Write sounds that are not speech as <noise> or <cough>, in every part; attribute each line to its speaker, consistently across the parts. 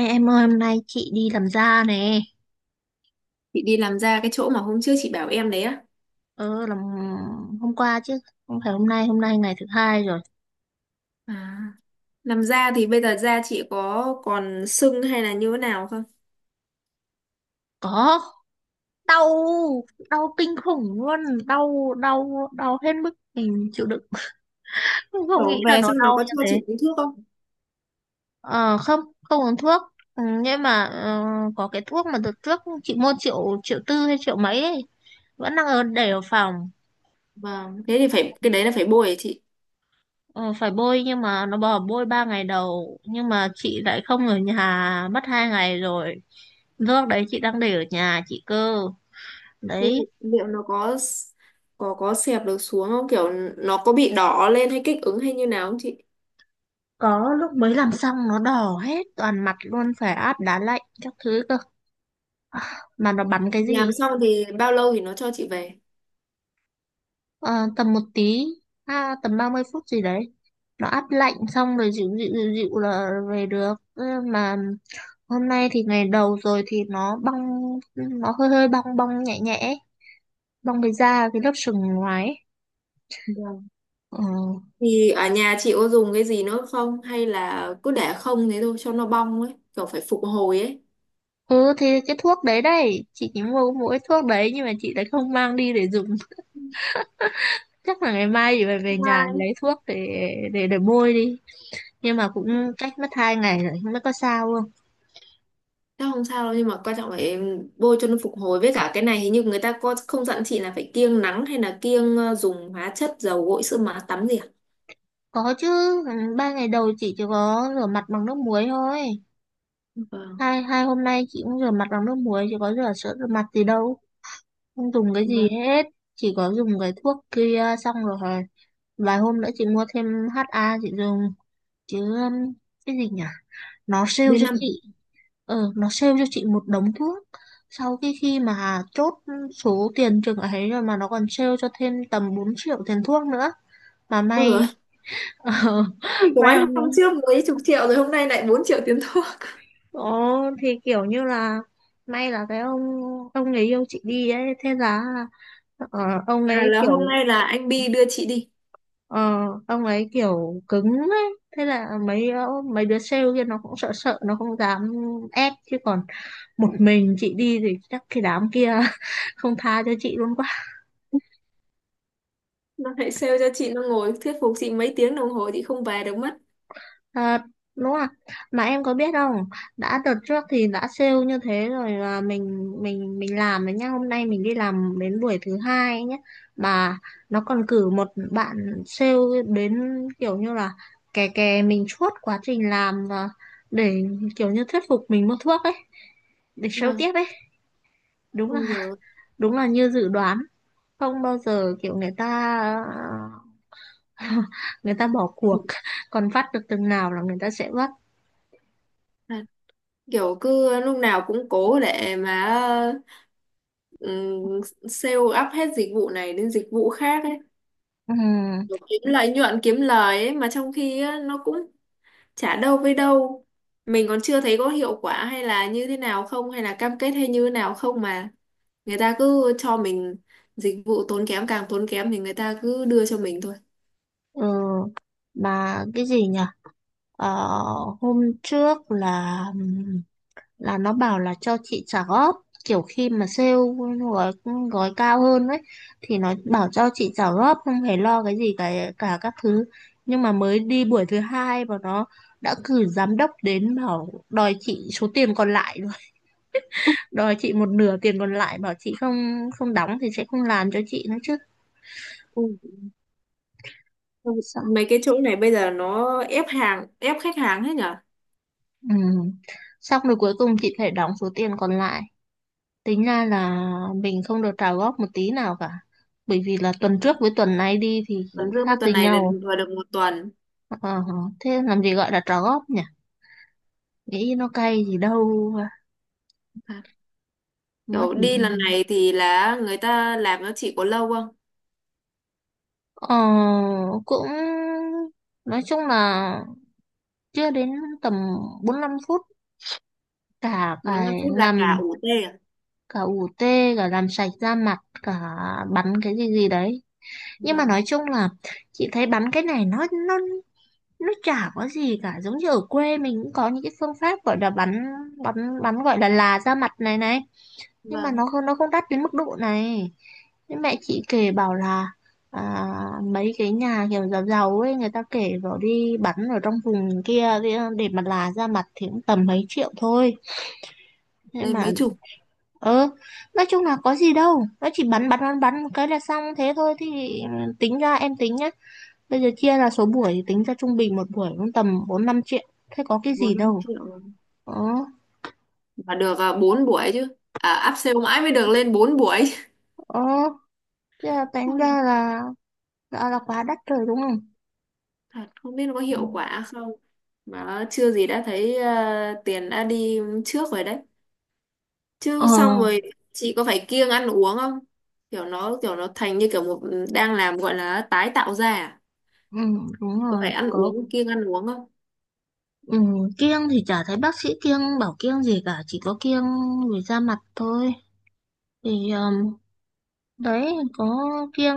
Speaker 1: Ê, em ơi hôm nay chị đi làm da nè.
Speaker 2: Chị đi làm da cái chỗ mà hôm trước chị bảo em đấy á.
Speaker 1: Ờ, làm hôm qua chứ, không phải hôm nay. Hôm nay ngày thứ hai rồi.
Speaker 2: À. Làm da thì bây giờ da chị có còn sưng hay là như thế nào không?
Speaker 1: Có. Đau. Đau kinh khủng luôn. Đau đau đau hết mức mình chịu đựng. <laughs> Không, không nghĩ
Speaker 2: Kiểu
Speaker 1: là
Speaker 2: về
Speaker 1: nó
Speaker 2: xong nó
Speaker 1: đau
Speaker 2: có
Speaker 1: như
Speaker 2: cho
Speaker 1: thế.
Speaker 2: chị uống thuốc không?
Speaker 1: Ờ, không, không uống thuốc. Ừ, nhưng mà có cái thuốc mà đợt trước chị mua triệu triệu tư hay triệu mấy ấy, vẫn đang ở để ở phòng.
Speaker 2: Vâng, thế thì phải cái đấy là phải bôi hả chị.
Speaker 1: Ờ, phải bôi nhưng mà nó bảo bôi 3 ngày đầu, nhưng mà chị lại không ở nhà mất 2 ngày rồi. Nước đấy chị đang để ở nhà chị cơ.
Speaker 2: Thế
Speaker 1: Đấy.
Speaker 2: thì liệu nó có xẹp được xuống không? Kiểu nó có bị đỏ lên hay kích ứng hay như nào không chị?
Speaker 1: Có lúc mới làm xong nó đỏ hết toàn mặt luôn, phải áp đá lạnh các thứ cơ, mà nó bắn cái gì
Speaker 2: Làm
Speaker 1: ấy.
Speaker 2: xong thì bao lâu thì nó cho chị về?
Speaker 1: Ờ, tầm một tí. À, tầm 30 phút gì đấy. Nó áp lạnh xong rồi dịu dịu dịu dịu là về được. Ơ, mà hôm nay thì ngày đầu rồi thì nó bong, nó hơi hơi bong bong nhẹ nhẹ ấy. Bong cái da, cái lớp sừng ngoài ấy.
Speaker 2: Vâng.
Speaker 1: Ừ.
Speaker 2: Thì ở nhà chị có dùng cái gì nữa không? Hay là cứ để không thế thôi cho nó bong ấy, kiểu phải phục hồi ấy.
Speaker 1: Ừ thì cái thuốc đấy đây, chị chỉ mua mỗi thuốc đấy nhưng mà chị lại không mang đi để dùng. <laughs> Chắc là ngày mai chị phải về nhà
Speaker 2: Vâng.
Speaker 1: lấy thuốc để để bôi đi, nhưng mà cũng cách mất 2 ngày rồi, không biết có sao không.
Speaker 2: Chắc không sao đâu, nhưng mà quan trọng là em bôi cho nó phục hồi, với cả cái này hình như người ta có không dặn chị là phải kiêng nắng hay là kiêng dùng hóa chất, dầu gội, sữa má tắm gì à?
Speaker 1: Có chứ. Ừ, 3 ngày đầu chị chỉ có rửa mặt bằng nước muối thôi.
Speaker 2: Vâng,
Speaker 1: Hai hai hôm nay chị cũng rửa mặt bằng nước muối, chỉ có rửa sữa rửa mặt gì đâu. Không dùng cái gì
Speaker 2: vâng.
Speaker 1: hết. Chỉ có dùng cái thuốc kia, xong rồi vài hôm nữa chị mua thêm HA chị dùng. Chứ cái gì nhỉ, nó sale
Speaker 2: b
Speaker 1: cho chị
Speaker 2: năm
Speaker 1: nó sale cho chị một đống thuốc. Sau cái khi mà chốt số tiền chừng ấy rồi mà nó còn sale cho thêm tầm 4 triệu tiền thuốc nữa, mà
Speaker 2: Ôi
Speaker 1: may.
Speaker 2: rồi.
Speaker 1: <laughs> ờ, May
Speaker 2: Gói
Speaker 1: mà,
Speaker 2: hôm trước mấy chục triệu, rồi hôm nay lại 4 triệu tiền thuốc.
Speaker 1: ồ thì kiểu như là may là cái ông người yêu chị đi ấy. Thế là ờ, ông
Speaker 2: À,
Speaker 1: ấy
Speaker 2: là
Speaker 1: kiểu.
Speaker 2: hôm nay là anh Bi đưa chị đi.
Speaker 1: Ờ, ông ấy kiểu cứng ấy. Thế là mấy đứa sale kia nó cũng sợ sợ, nó không dám ép chứ còn một mình chị đi thì chắc cái đám kia <laughs> không tha cho chị luôn.
Speaker 2: <laughs> Nó lại sale cho chị, nó ngồi thuyết phục chị mấy tiếng đồng hồ chị không về được mất.
Speaker 1: À, đúng rồi. Mà em có biết không, đã đợt trước thì đã sale như thế rồi là mình làm đấy nhá. Hôm nay mình đi làm đến buổi thứ hai ấy nhá. Mà nó còn cử một bạn sale đến, kiểu như là kè kè mình suốt quá trình làm và để kiểu như thuyết phục mình mua thuốc ấy, để sale
Speaker 2: Vâng.
Speaker 1: tiếp ấy. Đúng là
Speaker 2: Ôi rồi.
Speaker 1: đúng là như dự đoán, không bao giờ kiểu người ta <laughs> người ta bỏ cuộc, còn vắt được từng nào là người ta sẽ vắt.
Speaker 2: Kiểu cứ lúc nào cũng cố để mà ừm, sale up hết dịch vụ này đến dịch vụ khác ấy.
Speaker 1: Ừ.
Speaker 2: Kiểu kiếm lợi nhuận, kiếm lời ấy mà, trong khi á, nó cũng chả đâu với đâu, mình còn chưa thấy có hiệu quả hay là như thế nào không, hay là cam kết hay như thế nào không, mà người ta cứ cho mình dịch vụ tốn kém, càng tốn kém thì người ta cứ đưa cho mình thôi.
Speaker 1: Ừ, mà cái gì nhỉ? Ờ, hôm trước là nó bảo là cho chị trả góp, kiểu khi mà sale gói gói cao hơn ấy thì nó bảo cho chị trả góp, không phải lo cái gì cả cả các thứ. Nhưng mà mới đi buổi thứ hai và nó đã cử giám đốc đến bảo đòi chị số tiền còn lại rồi. <laughs> Đòi chị một nửa tiền còn lại, bảo chị không không đóng thì sẽ không làm cho chị nữa chứ.
Speaker 2: Ừ.
Speaker 1: Sao?
Speaker 2: Mấy cái chỗ này bây giờ nó ép hàng, ép khách hàng hết nhở.
Speaker 1: Ừ. Xong rồi cuối cùng chị phải đóng số tiền còn lại. Tính ra là mình không được trả góp một tí nào cả. Bởi vì là tuần trước với tuần này đi thì
Speaker 2: Tuần dương với
Speaker 1: khác
Speaker 2: tuần
Speaker 1: đi
Speaker 2: này là
Speaker 1: nhau.
Speaker 2: vừa được một tuần.
Speaker 1: Ờ, thế làm gì gọi là trả góp nhỉ? Nghĩ nó cay gì đâu. Mất.
Speaker 2: Kiểu đi lần này thì là người ta làm nó chỉ có lâu không?
Speaker 1: Ờ, cũng nói chung là chưa đến tầm 45 phút cả
Speaker 2: Bốn 5
Speaker 1: cái
Speaker 2: phút là cả
Speaker 1: làm,
Speaker 2: ủ tê à?
Speaker 1: cả ủ tê, cả làm sạch da mặt, cả bắn cái gì gì đấy. Nhưng mà nói
Speaker 2: Vâng,
Speaker 1: chung là chị thấy bắn cái này nó nó chả có gì cả, giống như ở quê mình cũng có những cái phương pháp gọi là bắn bắn bắn gọi là ra mặt này này, nhưng mà
Speaker 2: vâng.
Speaker 1: nó không đắt đến mức độ này. Thế mẹ chị kể bảo là, à, mấy cái nhà kiểu giàu giàu ấy người ta kể vào đi bắn ở trong vùng kia kia để mà là ra mặt thì cũng tầm mấy triệu thôi. Thế
Speaker 2: Đây
Speaker 1: mà,
Speaker 2: mấy chục,
Speaker 1: ơ, nói chung là có gì đâu, nó chỉ bắn bắn bắn bắn một cái là xong thế thôi. Thì tính ra, em tính nhá, bây giờ chia là số buổi thì tính ra trung bình một buổi cũng tầm 4 5 triệu. Thế có cái gì
Speaker 2: 4 5
Speaker 1: đâu.
Speaker 2: triệu
Speaker 1: Ờ,
Speaker 2: mà được à, 4 buổi chứ. À, áp sale mãi mới được lên 4 buổi. <laughs>
Speaker 1: ờ, thế là tính
Speaker 2: Ôi,
Speaker 1: ra là, quá đắt rồi đúng không?
Speaker 2: thật không biết nó có
Speaker 1: Ừ.
Speaker 2: hiệu quả không. Mà chưa gì đã thấy à, tiền đã đi trước rồi đấy.
Speaker 1: Ờ,
Speaker 2: Chứ xong rồi chị có phải kiêng ăn uống không? Kiểu nó, kiểu nó thành như kiểu một, đang làm gọi là tái tạo ra à?
Speaker 1: ừ, đúng
Speaker 2: Có phải
Speaker 1: rồi.
Speaker 2: ăn
Speaker 1: Có,
Speaker 2: uống, kiêng ăn uống không?
Speaker 1: ừ, kiêng thì chả thấy bác sĩ kiêng bảo kiêng gì cả. Chỉ có kiêng về da mặt thôi. Thì đấy có kiêng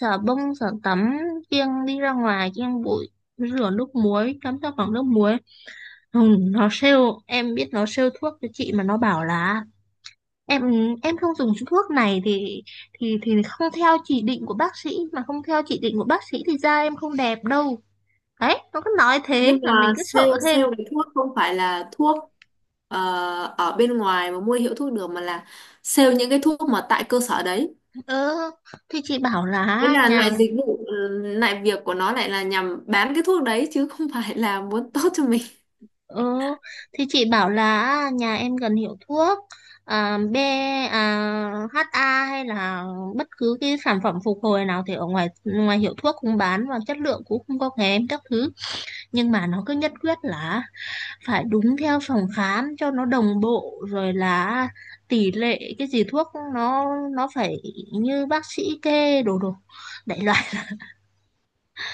Speaker 1: xả bông, xả tắm, kiêng đi ra ngoài, kiêng bụi, rửa nước muối, tắm ra bằng nước muối. Ừ, nó sale, em biết nó sale thuốc cho chị mà nó bảo là em em không dùng thuốc này thì không theo chỉ định của bác sĩ, mà không theo chỉ định của bác sĩ thì da em không đẹp đâu. Đấy nó cứ nói thế
Speaker 2: Nhưng
Speaker 1: là
Speaker 2: mà
Speaker 1: mình cứ
Speaker 2: sale
Speaker 1: sợ thêm.
Speaker 2: sale cái thuốc không phải là thuốc ờ, ở bên ngoài mà mua hiệu thuốc được, mà là sale những cái thuốc mà tại cơ sở đấy.
Speaker 1: ờ thì chị bảo
Speaker 2: Đấy
Speaker 1: là
Speaker 2: là
Speaker 1: nhà
Speaker 2: loại dịch vụ, lại việc của nó lại là nhằm bán cái thuốc đấy, chứ không phải là muốn <laughs> tốt cho mình.
Speaker 1: ờ thì chị bảo là nhà em cần hiệu thuốc, à, B, à, HA hay là bất cứ cái sản phẩm phục hồi nào thì ở ngoài, ngoài hiệu thuốc cũng bán và chất lượng cũng không có kém các thứ. Nhưng mà nó cứ nhất quyết là phải đúng theo phòng khám cho nó đồng bộ, rồi là tỷ lệ cái gì thuốc nó nó phải như bác sĩ kê đồ đồ đại loại.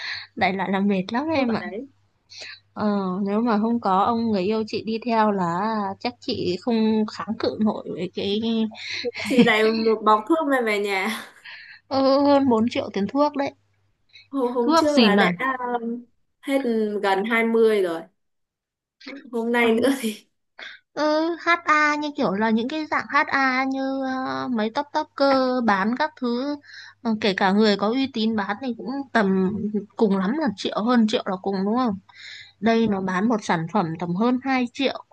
Speaker 1: <laughs> Đại loại là mệt lắm
Speaker 2: Thuốc
Speaker 1: em
Speaker 2: ở
Speaker 1: ạ.
Speaker 2: đấy,
Speaker 1: ờ, Nếu mà không có ông người yêu chị đi theo là chắc chị không kháng cự nổi với cái,
Speaker 2: chỉ lại một bọc thuốc mang về nhà.
Speaker 1: ừ, hơn 4 triệu tiền thuốc đấy.
Speaker 2: Hôm
Speaker 1: Thuốc
Speaker 2: trước
Speaker 1: gì
Speaker 2: là
Speaker 1: mà.
Speaker 2: đã um, hết gần 20 rồi, hôm
Speaker 1: Ờ.
Speaker 2: nay nữa thì
Speaker 1: Ừ, HA như kiểu là những cái dạng HA như mấy top topper
Speaker 2: <laughs>
Speaker 1: bán các thứ. Ờ, kể cả người có uy tín bán thì cũng tầm cùng lắm là triệu hơn triệu là cùng đúng không? Đây nó
Speaker 2: vâng,
Speaker 1: bán một sản phẩm tầm hơn 2 triệu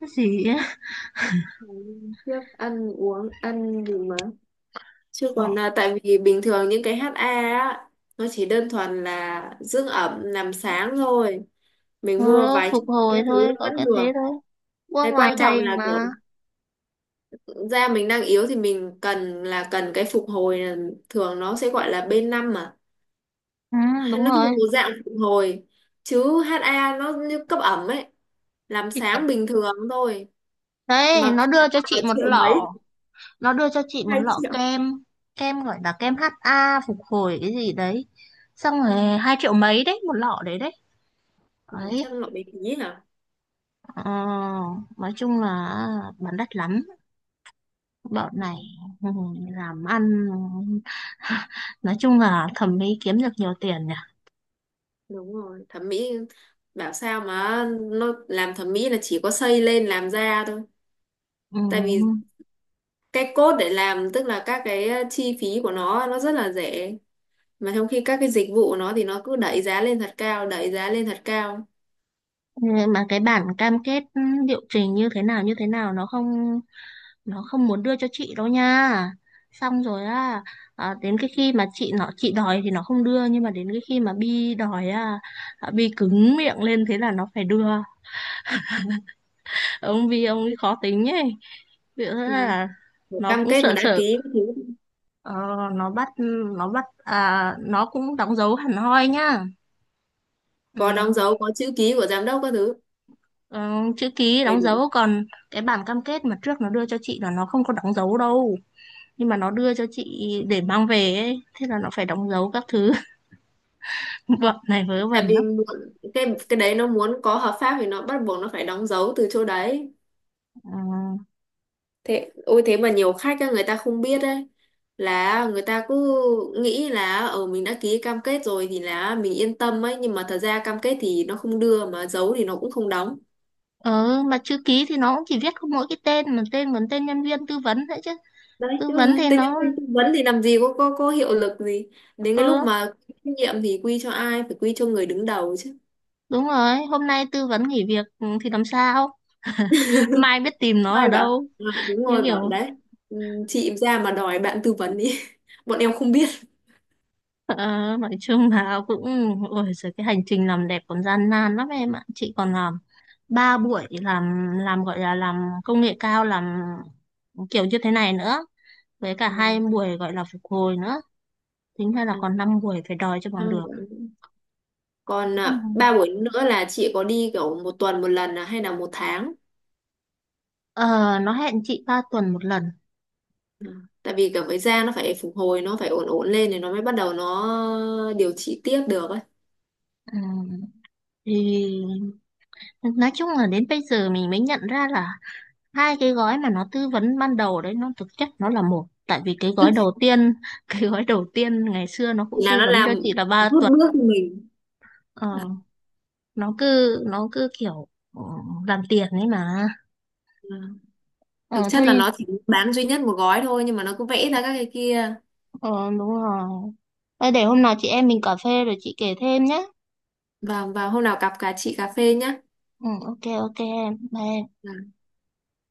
Speaker 1: cái gì ấy.
Speaker 2: ngày hôm trước ăn uống ăn gì mà. Chứ
Speaker 1: Ờ,
Speaker 2: còn là tại vì bình thường những cái HA á, nó chỉ đơn thuần là dưỡng ẩm, làm sáng thôi.
Speaker 1: ừ,
Speaker 2: Mình mua vài
Speaker 1: phục
Speaker 2: chục cái
Speaker 1: hồi
Speaker 2: thứ
Speaker 1: thôi
Speaker 2: nó
Speaker 1: có
Speaker 2: vẫn
Speaker 1: cái
Speaker 2: được.
Speaker 1: thế thôi qua
Speaker 2: Cái
Speaker 1: ngoài
Speaker 2: quan trọng
Speaker 1: đây
Speaker 2: là
Speaker 1: mà.
Speaker 2: kiểu da mình đang yếu thì mình cần là cần cái phục hồi, là- thường nó sẽ gọi là B5 mà.
Speaker 1: Ừ,
Speaker 2: Hay
Speaker 1: đúng
Speaker 2: nó
Speaker 1: rồi.
Speaker 2: thuộc dạng phục hồi. Chứ HA nó như cấp ẩm ấy, làm
Speaker 1: Thì-
Speaker 2: sáng bình thường thôi.
Speaker 1: Đấy
Speaker 2: Mà khác là triệu mấy,
Speaker 1: nó đưa cho chị một
Speaker 2: hai
Speaker 1: lọ
Speaker 2: triệu.
Speaker 1: kem kem gọi là kem HA phục hồi cái gì đấy, xong
Speaker 2: Ừ.
Speaker 1: rồi 2 triệu mấy đấy một lọ đấy đấy
Speaker 2: Ừ,
Speaker 1: đấy.
Speaker 2: chắc nó bị phí hả?
Speaker 1: Ờ, nói chung là bán đắt lắm bọn này.
Speaker 2: Ừ.
Speaker 1: Ừ, làm ăn. <laughs> Nói chung là thẩm mỹ kiếm được nhiều tiền nhỉ.
Speaker 2: Đúng rồi, thẩm mỹ, bảo sao mà nó làm thẩm mỹ là chỉ có xây lên làm da thôi.
Speaker 1: Ừ.
Speaker 2: Tại vì cái cốt để làm, tức là các cái chi phí của nó rất là rẻ, mà trong khi các cái dịch vụ của nó thì nó cứ đẩy giá lên thật cao, đẩy giá lên thật cao.
Speaker 1: Mà cái bản cam kết, ừ, liệu trình như thế nào nó không muốn đưa cho chị đâu nha. Xong rồi á, à, đến cái khi mà chị nó chị đòi thì nó không đưa, nhưng mà đến cái khi mà Bi đòi á, à, Bi cứng miệng lên thế là nó phải đưa. Ông Bi ông ấy khó tính ấy. Vì thế
Speaker 2: Vâng.
Speaker 1: là
Speaker 2: Một
Speaker 1: nó
Speaker 2: cam
Speaker 1: cũng
Speaker 2: kết mà
Speaker 1: sợ
Speaker 2: đã
Speaker 1: sợ.
Speaker 2: ký các thứ,
Speaker 1: Ờ, nó bắt nó bắt à, nó cũng đóng dấu hẳn hoi nhá. Ừ.
Speaker 2: có đóng dấu, có chữ ký của giám đốc các thứ
Speaker 1: Ờ, chữ ký
Speaker 2: đầy
Speaker 1: đóng
Speaker 2: đủ.
Speaker 1: dấu còn cái bản cam kết mà trước nó đưa cho chị là nó không có đóng dấu đâu, nhưng mà nó đưa cho chị để mang về ấy thế là nó phải đóng dấu các thứ. Bọn này vớ vẩn
Speaker 2: Tại vì
Speaker 1: lắm.
Speaker 2: muốn- cái đấy nó muốn có hợp pháp thì nó bắt buộc nó phải đóng dấu từ chỗ đấy.
Speaker 1: Ờ.
Speaker 2: Thế ôi, thế mà nhiều khách á, người ta không biết đấy, là người ta cứ nghĩ là ở mình đã ký cam kết rồi thì là mình yên tâm ấy, nhưng mà thật ra cam kết thì nó không đưa, mà giấu thì nó cũng không đóng.
Speaker 1: Ờ, mà chữ ký thì nó cũng chỉ viết có mỗi cái tên, mà tên còn tên nhân viên tư vấn đấy chứ.
Speaker 2: Đấy.
Speaker 1: Tư vấn
Speaker 2: Ừ,
Speaker 1: thì
Speaker 2: thế mà
Speaker 1: nó,
Speaker 2: tới tư vấn thì làm gì có hiệu lực gì. Đến cái
Speaker 1: ừ
Speaker 2: lúc mà trách nhiệm thì quy cho ai, phải quy cho người đứng đầu chứ.
Speaker 1: đúng rồi. Hôm nay tư vấn nghỉ việc, ừ, thì làm sao <laughs> mai biết tìm nó ở
Speaker 2: Ai bảo
Speaker 1: đâu.
Speaker 2: "Ờ, đúng
Speaker 1: Như
Speaker 2: rồi", bảo
Speaker 1: kiểu,
Speaker 2: đấy, ừ, "Chị ra mà đòi bạn tư vấn đi, <laughs> bọn em không biết".
Speaker 1: ờ, nói chung là cũng, ôi giời, cái hành trình làm đẹp còn gian nan lắm em ạ. Chị còn làm 3 buổi làm gọi là làm công nghệ cao làm kiểu như thế này nữa với cả hai
Speaker 2: Vâng.
Speaker 1: buổi gọi là phục hồi nữa. Tính ra là
Speaker 2: À,
Speaker 1: còn 5 buổi phải đòi cho bằng
Speaker 2: năm
Speaker 1: được.
Speaker 2: bữa. Còn
Speaker 1: Ừ.
Speaker 2: à, ba buổi nữa là chị có đi kiểu một tuần một lần à, hay là một tháng.
Speaker 1: Ờ, nó hẹn chị 3 tuần một lần.
Speaker 2: Ừ. Tại vì cả với da nó phải phục hồi, nó phải ổn, ổn lên thì nó mới bắt đầu nó điều trị tiếp được ấy.
Speaker 1: Ừ. Thì nói chung là đến bây giờ mình mới nhận ra là hai cái gói mà nó tư vấn ban đầu đấy nó thực chất nó là một, tại vì cái gói đầu
Speaker 2: <laughs>
Speaker 1: tiên <laughs> cái gói đầu tiên ngày xưa nó cũng
Speaker 2: Là
Speaker 1: tư
Speaker 2: nó
Speaker 1: vấn
Speaker 2: làm
Speaker 1: cho chị là ba
Speaker 2: rút
Speaker 1: tuần
Speaker 2: bước mình,
Speaker 1: Ờ,
Speaker 2: à,
Speaker 1: nó cứ kiểu, ừ, làm tiền ấy mà.
Speaker 2: à. Thực
Speaker 1: Ờ
Speaker 2: chất
Speaker 1: thôi.
Speaker 2: là nó chỉ bán duy nhất một gói thôi nhưng mà nó cứ vẽ ra các cái kia.
Speaker 1: Ờ, đúng rồi. Thôi để hôm nào chị em mình cà phê rồi chị kể thêm nhé.
Speaker 2: Và hôm nào cặp cả chị cà phê nhá.
Speaker 1: Ừ, ok ok em bye.